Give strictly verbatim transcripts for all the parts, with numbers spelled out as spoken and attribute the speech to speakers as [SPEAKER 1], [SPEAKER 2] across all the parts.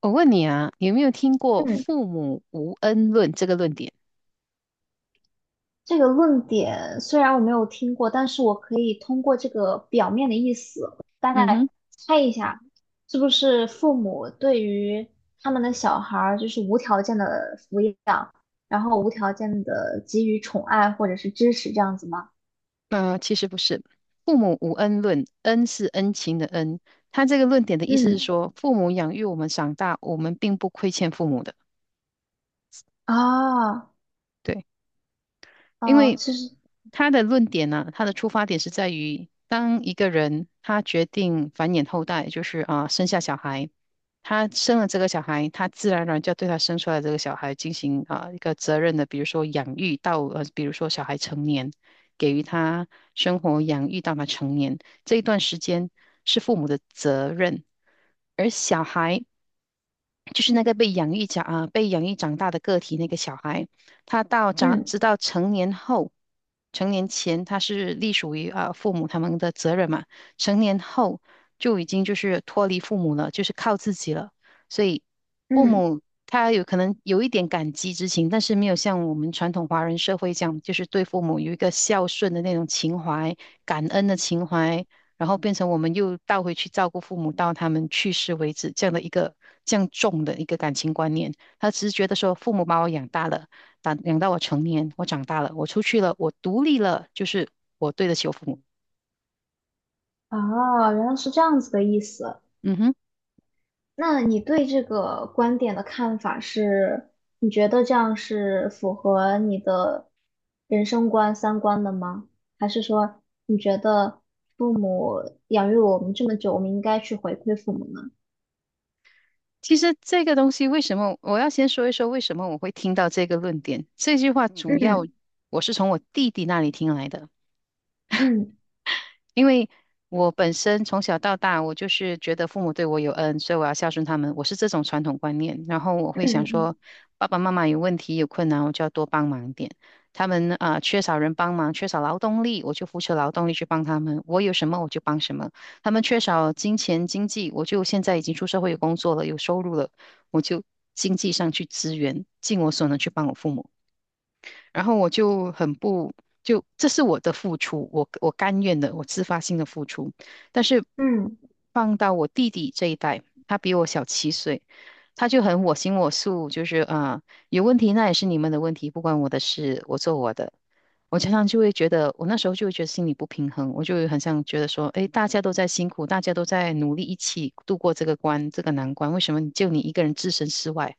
[SPEAKER 1] 我问你啊，有没有听过
[SPEAKER 2] 嗯，
[SPEAKER 1] “父母无恩论"这个论点？
[SPEAKER 2] 这个论点虽然我没有听过，但是我可以通过这个表面的意思，大
[SPEAKER 1] 嗯哼。
[SPEAKER 2] 概猜一下，是不是父母对于他们的小孩儿就是无条件的抚养，然后无条件的给予宠爱或者是支持这样子吗？
[SPEAKER 1] 那、其实不是，"父母无恩论"，恩是恩情的恩。他这个论点的意思是
[SPEAKER 2] 嗯，
[SPEAKER 1] 说，父母养育我们长大，我们并不亏欠父母的。
[SPEAKER 2] 啊，
[SPEAKER 1] 对。因
[SPEAKER 2] 哦，
[SPEAKER 1] 为
[SPEAKER 2] 其实，
[SPEAKER 1] 他的论点呢、他的出发点是在于，当一个人他决定繁衍后代，就是啊、生下小孩，他生了这个小孩，他自然而然就要对他生出来的这个小孩进行啊、一个责任的，比如说养育到呃，比如说小孩成年，给予他生活养育到他成年这一段时间是父母的责任，而小孩就是那个被养育长啊、被养育长大的个体那个小孩，他到长
[SPEAKER 2] 嗯
[SPEAKER 1] 直到成年后，成年前他是隶属于啊、父母他们的责任嘛，成年后就已经就是脱离父母了，就是靠自己了，所以父
[SPEAKER 2] 嗯，
[SPEAKER 1] 母。他有可能有一点感激之情，但是没有像我们传统华人社会这样，就是对父母有一个孝顺的那种情怀、感恩的情怀，然后变成我们又倒回去照顾父母到他们去世为止，这样的一个这样重的一个感情观念。他只是觉得说，父母把我养大了，养养到我成年，我长大了，我出去了，我独立了，就是我对得起我父母。
[SPEAKER 2] 啊，原来是这样子的意思。
[SPEAKER 1] 嗯哼。
[SPEAKER 2] 那你对这个观点的看法是，你觉得这样是符合你的人生观、三观的吗？还是说你觉得父母养育我们这么久，我们应该去回馈父母呢？
[SPEAKER 1] 其实这个东西为什么我要先说一说为什么我会听到这个论点？这句话主要
[SPEAKER 2] 嗯
[SPEAKER 1] 我是从我弟弟那里听来的。
[SPEAKER 2] 嗯
[SPEAKER 1] 因为我本身从小到大，我就是觉得父母对我有恩，所以我要孝顺他们。我是这种传统观念，然后我会想
[SPEAKER 2] 嗯
[SPEAKER 1] 说，爸爸妈妈有问题有困难，我就要多帮忙一点。他们啊、缺少人帮忙，缺少劳动力，我就付出劳动力去帮他们。我有什么我就帮什么。他们缺少金钱经济，我就现在已经出社会有工作了，有收入了，我就经济上去支援，尽我所能去帮我父母。然后我就很不，就这是我的付出，我我甘愿的，我自发性的付出。但是
[SPEAKER 2] 嗯，嗯
[SPEAKER 1] 放到我弟弟这一代，他比我小七岁，他就很我行我素，就是啊、有问题那也是你们的问题，不关我的事，我做我的。我常常就会觉得，我那时候就会觉得心里不平衡，我就会很想觉得说，诶，大家都在辛苦，大家都在努力，一起度过这个关，这个难关，为什么就你一个人置身事外？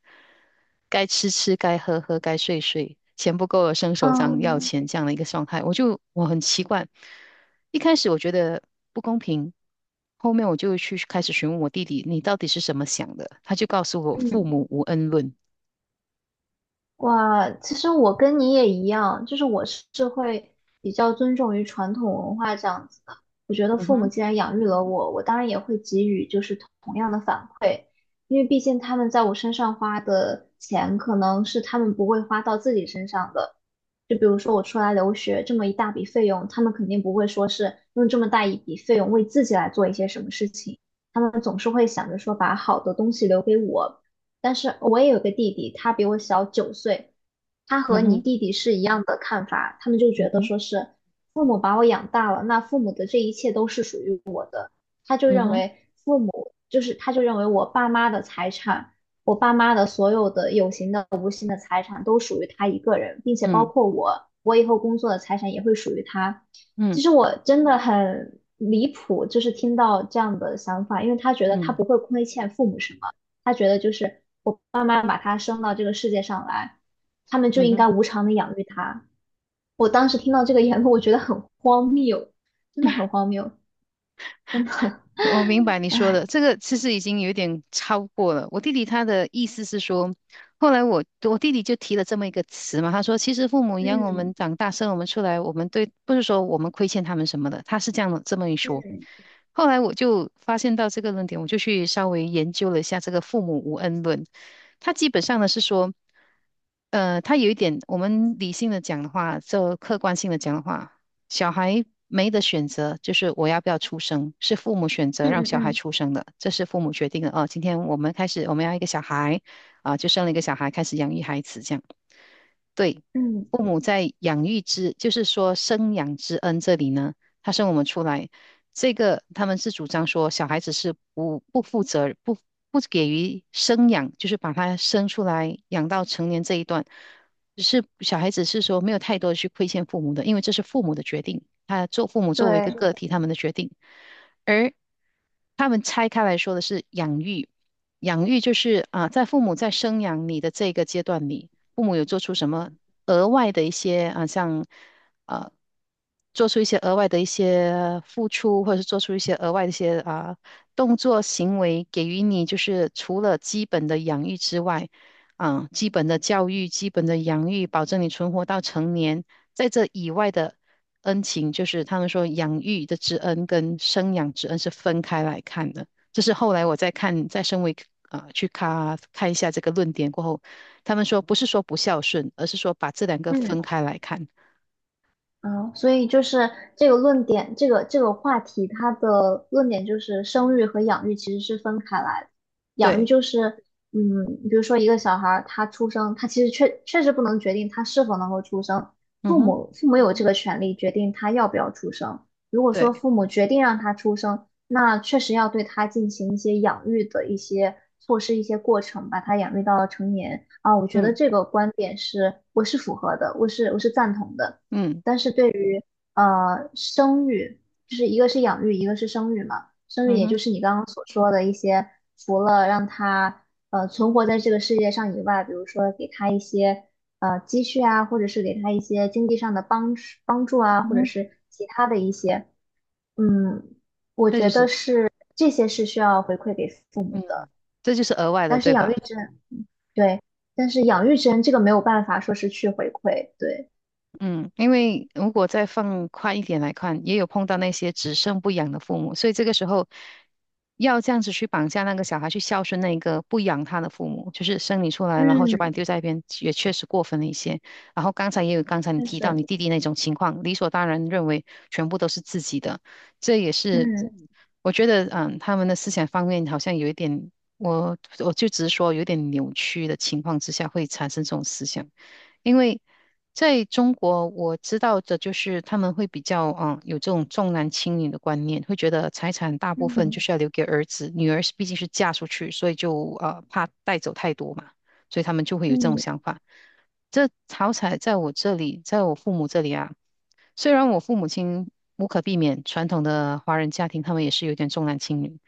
[SPEAKER 1] 该吃吃，该喝喝，该睡睡，钱不够了伸手张要
[SPEAKER 2] 嗯
[SPEAKER 1] 钱这样的一个状态，我就我很奇怪。一开始我觉得不公平，后面我就去开始询问我弟弟，你到底是怎么想的？他就告诉我，父
[SPEAKER 2] 嗯。
[SPEAKER 1] 母无恩论。
[SPEAKER 2] 哇，其实我跟你也一样，就是我是是会比较尊重于传统文化这样子的。我觉得
[SPEAKER 1] 嗯
[SPEAKER 2] 父母
[SPEAKER 1] 哼，
[SPEAKER 2] 既然养育了我，我当然也会给予就是同样的反馈，因为毕竟他们在我身上花的钱，可能是他们不会花到自己身上的。就比如说我出来留学这么一大笔费用，他们肯定不会说是用这么大一笔费用为自己来做一些什么事情，他们总是会想着说把好的东西留给我。但是我也有个弟弟，他比我小九岁，他和
[SPEAKER 1] 嗯
[SPEAKER 2] 你
[SPEAKER 1] 哼，
[SPEAKER 2] 弟弟是一样的看法，他们就觉
[SPEAKER 1] 嗯
[SPEAKER 2] 得
[SPEAKER 1] 哼，
[SPEAKER 2] 说是父母把我养大了，那父母的这一切都是属于他就
[SPEAKER 1] 嗯
[SPEAKER 2] 认
[SPEAKER 1] 哼，
[SPEAKER 2] 为父母就是他就认为我爸妈的财产，我爸妈的所有的有形的、无形的财产都属于他一个人，并且包
[SPEAKER 1] 嗯
[SPEAKER 2] 括我，我以后工作的财产也会属于他。
[SPEAKER 1] 嗯
[SPEAKER 2] 其实我真的很离谱，就是听到这样的想法，因为他觉得他
[SPEAKER 1] 嗯
[SPEAKER 2] 不会亏欠父母什么，他觉得就是我爸妈把他生到这个世界上来，他们就
[SPEAKER 1] 嗯
[SPEAKER 2] 应该
[SPEAKER 1] 哼。
[SPEAKER 2] 无偿的养育他。我当时听到这个言论，我觉得很荒谬，真的很荒谬。真的，
[SPEAKER 1] 我明白 你说
[SPEAKER 2] 哎，
[SPEAKER 1] 的，这个其实已经有点超过了。我弟弟他的意思是说，后来我我弟弟就提了这么一个词嘛，他说其实父母养
[SPEAKER 2] 嗯
[SPEAKER 1] 我们
[SPEAKER 2] 嗯
[SPEAKER 1] 长大，生我们出来，我们对不是说我们亏欠他们什么的，他是这样的这么一说。后来我就发现到这个论点，我就去稍微研究了一下这个父母无恩论，他基本上呢是说。呃，他有一点，我们理性的讲的话，就客观性的讲的话，小孩没得选择，就是我要不要出生，是父母选择让
[SPEAKER 2] 嗯
[SPEAKER 1] 小
[SPEAKER 2] 嗯
[SPEAKER 1] 孩
[SPEAKER 2] 嗯，
[SPEAKER 1] 出生的，这是父母决定的。哦，今天我们开始，我们要一个小孩，啊，就生了一个小孩，开始养育孩子，这样。对。
[SPEAKER 2] 嗯，
[SPEAKER 1] 父母在养育之，就是说生养之恩这里呢，他生我们出来，这个他们是主张说小孩子是不不负责、不不给予生养，就是把他生出来养到成年这一段，是小孩子是说没有太多去亏欠父母的，因为这是父母的决定，他做父母作为一个
[SPEAKER 2] 对，
[SPEAKER 1] 个体他们的决定，而他们拆开来说的是养育，养育就是啊，在父母在生养你的这个阶段里。父母有做出什么额外的一些啊，像啊，做出一些额外的一些付出，或者是做出一些额外的一些啊动作行为，给予你就是除了基本的养育之外，啊，基本的教育、基本的养育，保证你存活到成年，在这以外的。恩情就是他们说养育的之恩跟生养之恩是分开来看的，这是后来我在看，在身为啊、呃去看看一下这个论点过后，他们说不是说不孝顺，而是说把这两个
[SPEAKER 2] 嗯
[SPEAKER 1] 分开来看。
[SPEAKER 2] 嗯，所以就是这个论点，这个这个话题，它的论点就是生育和养育其实是分开来的。养育
[SPEAKER 1] 对，
[SPEAKER 2] 就是，嗯，比如说一个小孩儿他出生，他其实确确实不能决定他是否能够出生，
[SPEAKER 1] 嗯
[SPEAKER 2] 父
[SPEAKER 1] 哼，
[SPEAKER 2] 母父母有这个权利决定他要不要出生。如果说
[SPEAKER 1] 对，
[SPEAKER 2] 父母决定让他出生，那确实要对他进行一些养育的一些措施、一些过程，把他养育到成年啊。我觉得
[SPEAKER 1] 嗯
[SPEAKER 2] 这个观点是我是符合的，我是我是赞同的。
[SPEAKER 1] 嗯
[SPEAKER 2] 但是对于呃生育，就是一个是养育，一个是生育嘛。生育
[SPEAKER 1] 嗯
[SPEAKER 2] 也就
[SPEAKER 1] 哼
[SPEAKER 2] 是你刚刚所说的一些，除了让他呃存活在这个世界上以外，比如说给他一些呃积蓄啊，或者是给他一些经济上的帮帮助啊，
[SPEAKER 1] 嗯
[SPEAKER 2] 或者
[SPEAKER 1] 哼，
[SPEAKER 2] 是其他的一些，嗯，我
[SPEAKER 1] 这就
[SPEAKER 2] 觉得
[SPEAKER 1] 是
[SPEAKER 2] 是这些是需要回馈给父母
[SPEAKER 1] 嗯，
[SPEAKER 2] 的。
[SPEAKER 1] 这就是额外的，
[SPEAKER 2] 但是
[SPEAKER 1] 对
[SPEAKER 2] 养育
[SPEAKER 1] 吧？
[SPEAKER 2] 之恩，对，但是养育之恩这个没有办法说是去回馈，对，
[SPEAKER 1] 嗯，因为如果再放宽一点来看，也有碰到那些只生不养的父母，所以这个时候要这样子去绑架那个小孩去孝顺那个不养他的父母，就是生你出来，然
[SPEAKER 2] 嗯，
[SPEAKER 1] 后就把你丢在
[SPEAKER 2] 但，
[SPEAKER 1] 一边，也确实过分了一些。然后刚才也有刚才你提到你弟弟那种情况，理所当然认为全部都是自己的，这也是
[SPEAKER 2] 嗯。
[SPEAKER 1] 我觉得，嗯，他们的思想方面好像有一点，我我就直说有点扭曲的情况之下会产生这种思想。因为在中国，我知道的就是他们会比较嗯有这种重男轻女的观念，会觉得财产大部分就是要
[SPEAKER 2] 嗯
[SPEAKER 1] 留给儿子，女儿是毕竟是嫁出去，所以就呃怕带走太多嘛，所以他们就会有这种想
[SPEAKER 2] 嗯
[SPEAKER 1] 法。这好彩在我这里，在我父母这里啊，虽然我父母亲无可避免，传统的华人家庭他们也是有点重男轻女。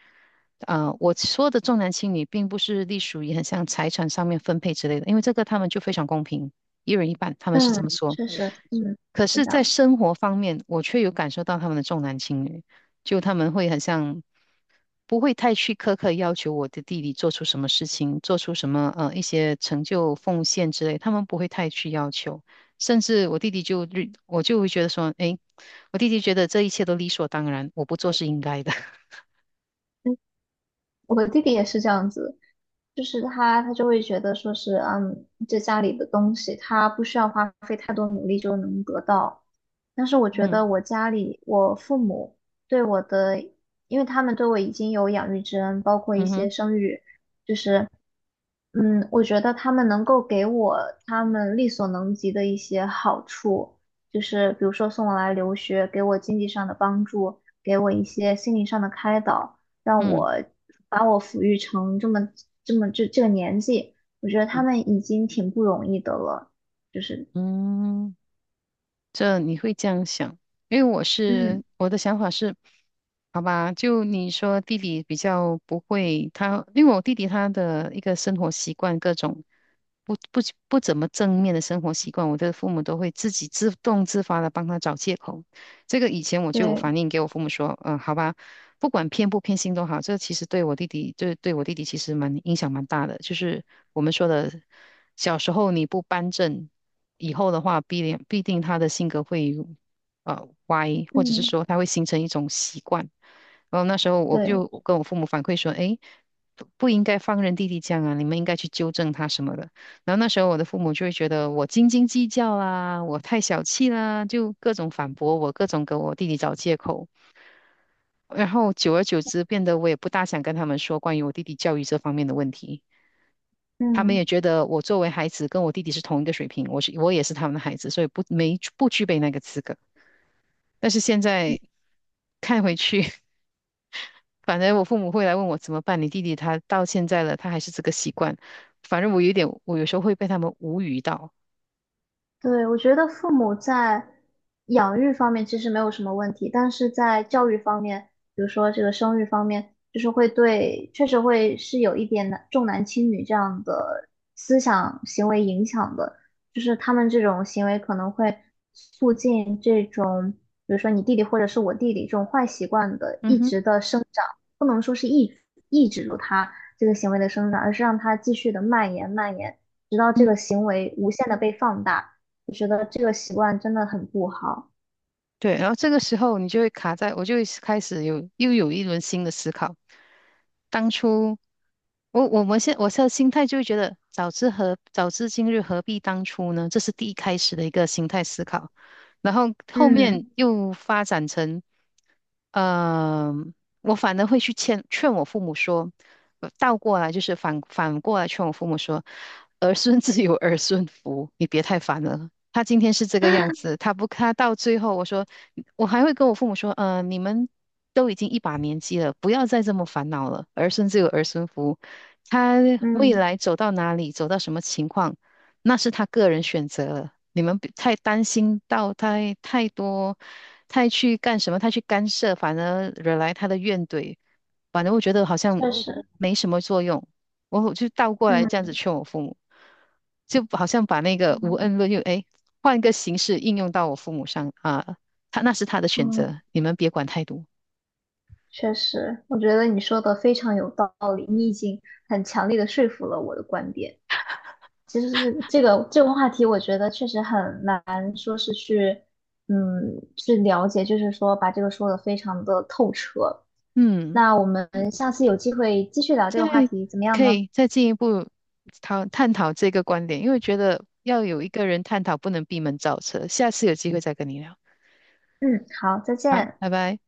[SPEAKER 1] 啊、我说的重男轻女，并不是隶属于很像财产上面分配之类的，因为这个他们就非常公平，一人一半，他们是这么
[SPEAKER 2] 嗯，
[SPEAKER 1] 说。
[SPEAKER 2] 确实，嗯，
[SPEAKER 1] 可
[SPEAKER 2] 是这
[SPEAKER 1] 是，在
[SPEAKER 2] 样子。
[SPEAKER 1] 生活方面，我却有感受到他们的重男轻女，就他们会很像不会太去苛刻要求我的弟弟做出什么事情，做出什么呃一些成就奉献之类，他们不会太去要求。甚至我弟弟就日我就会觉得说，诶，我弟弟觉得这一切都理所当然，我不做是应该的。
[SPEAKER 2] 嗯，我的弟弟也是这样子，就是他他就会觉得说是，嗯，这家里的东西他不需要花费太多努力就能得到。但是我觉得
[SPEAKER 1] 嗯
[SPEAKER 2] 我家里我父母对我的，因为他们对我已经有养育之恩，包括一
[SPEAKER 1] 嗯
[SPEAKER 2] 些
[SPEAKER 1] 哼
[SPEAKER 2] 生育，就是嗯，我觉得他们能够给我他们力所能及的一些好处，就是比如说送我来留学，给我经济上的帮助，给我一些心灵上的开导，让
[SPEAKER 1] 嗯
[SPEAKER 2] 我把我抚育成这么这么这这个年纪，我觉得他
[SPEAKER 1] 嗯
[SPEAKER 2] 们已经挺不容易的了，就是
[SPEAKER 1] 嗯。这你会这样想，因为我是
[SPEAKER 2] 嗯，
[SPEAKER 1] 我的想法是，好吧，就你说弟弟比较不会，他因为我弟弟他的一个生活习惯，各种不不不怎么正面的生活习惯，我的父母都会自己自动自发的帮他找借口。这个以前我就有
[SPEAKER 2] 对，
[SPEAKER 1] 反映给我父母说，嗯，好吧，不管偏不偏心都好，这其实对我弟弟，就是对我弟弟其实蛮影响蛮大的。就是我们说的，小时候你不扳正，以后的话必定必定他的性格会呃歪，或者是
[SPEAKER 2] 嗯，
[SPEAKER 1] 说他会形成一种习惯。然后那时候我
[SPEAKER 2] 对，
[SPEAKER 1] 就跟我父母反馈说，诶，不不应该放任弟弟这样啊，你们应该去纠正他什么的。然后那时候我的父母就会觉得我斤斤计较啦，我太小气啦，就各种反驳我，各种给我弟弟找借口。然后久而久之，变得我也不大想跟他们说关于我弟弟教育这方面的问题。他们
[SPEAKER 2] 嗯。
[SPEAKER 1] 也觉得我作为孩子跟我弟弟是同一个水平，我是我也是他们的孩子，所以不没不具备那个资格。但是现在看回去，反正我父母会来问我怎么办，你弟弟他到现在了，他还是这个习惯。反正我有点，我有时候会被他们无语到。
[SPEAKER 2] 对，我觉得父母在养育方面其实没有什么问题，但是在教育方面，比如说这个生育方面，就是会对，确实会是有一点男重男轻女这样的思想行为影响的，就是他们这种行为可能会促进这种，比如说你弟弟或者是我弟弟这种坏习惯的
[SPEAKER 1] 嗯
[SPEAKER 2] 一直
[SPEAKER 1] 哼，
[SPEAKER 2] 的生长，不能说是抑抑制住他这个行为的生长，而是让他继续的蔓延蔓延，直到这个
[SPEAKER 1] 嗯
[SPEAKER 2] 行为无限的被放大。我觉得这个习惯真的很不好。
[SPEAKER 1] 对，然后这个时候你就会卡在，我就会开始有又有一轮新的思考。当初我我们现我现在心态就会觉得，早知何早知今日何必当初呢？这是第一开始的一个心态思考，然后后面
[SPEAKER 2] 嗯
[SPEAKER 1] 又发展成。嗯，我反而会去劝劝我父母说，呃倒过来就是反反过来劝我父母说，儿孙自有儿孙福，你别太烦了。他今天是这个样子，他不，他到最后，我说，我还会跟我父母说，嗯，你们都已经一把年纪了，不要再这么烦恼了。儿孙自有儿孙福，他未
[SPEAKER 2] 嗯，
[SPEAKER 1] 来走到哪里，走到什么情况，那是他个人选择了，你们不太担心到太太多，太去干什么，太去干涉，反而惹来他的怨怼，反正我觉得好像
[SPEAKER 2] 确实，
[SPEAKER 1] 没什么作用。我就倒过来这样
[SPEAKER 2] 嗯
[SPEAKER 1] 子劝我父母，就好像把那个无
[SPEAKER 2] 嗯
[SPEAKER 1] 恩论用，哎，换一个形式应用到我父母上啊，他那是他的选择，
[SPEAKER 2] 嗯
[SPEAKER 1] 你们别管太多。
[SPEAKER 2] 确实，我觉得你说的非常有道理，你已经很强烈的说服了我的观点。其实这个这个这个话题，我觉得确实很难说是去嗯去了解，就是说把这个说的非常的透彻。
[SPEAKER 1] 嗯。
[SPEAKER 2] 那我们下次有机会继续聊这
[SPEAKER 1] 再
[SPEAKER 2] 个话题，怎么样
[SPEAKER 1] 可
[SPEAKER 2] 呢？
[SPEAKER 1] 以再进一步讨探讨这个观点，因为觉得要有一个人探讨，不能闭门造车。下次有机会再跟你聊。
[SPEAKER 2] 嗯，好，再
[SPEAKER 1] 好，
[SPEAKER 2] 见。
[SPEAKER 1] 拜拜。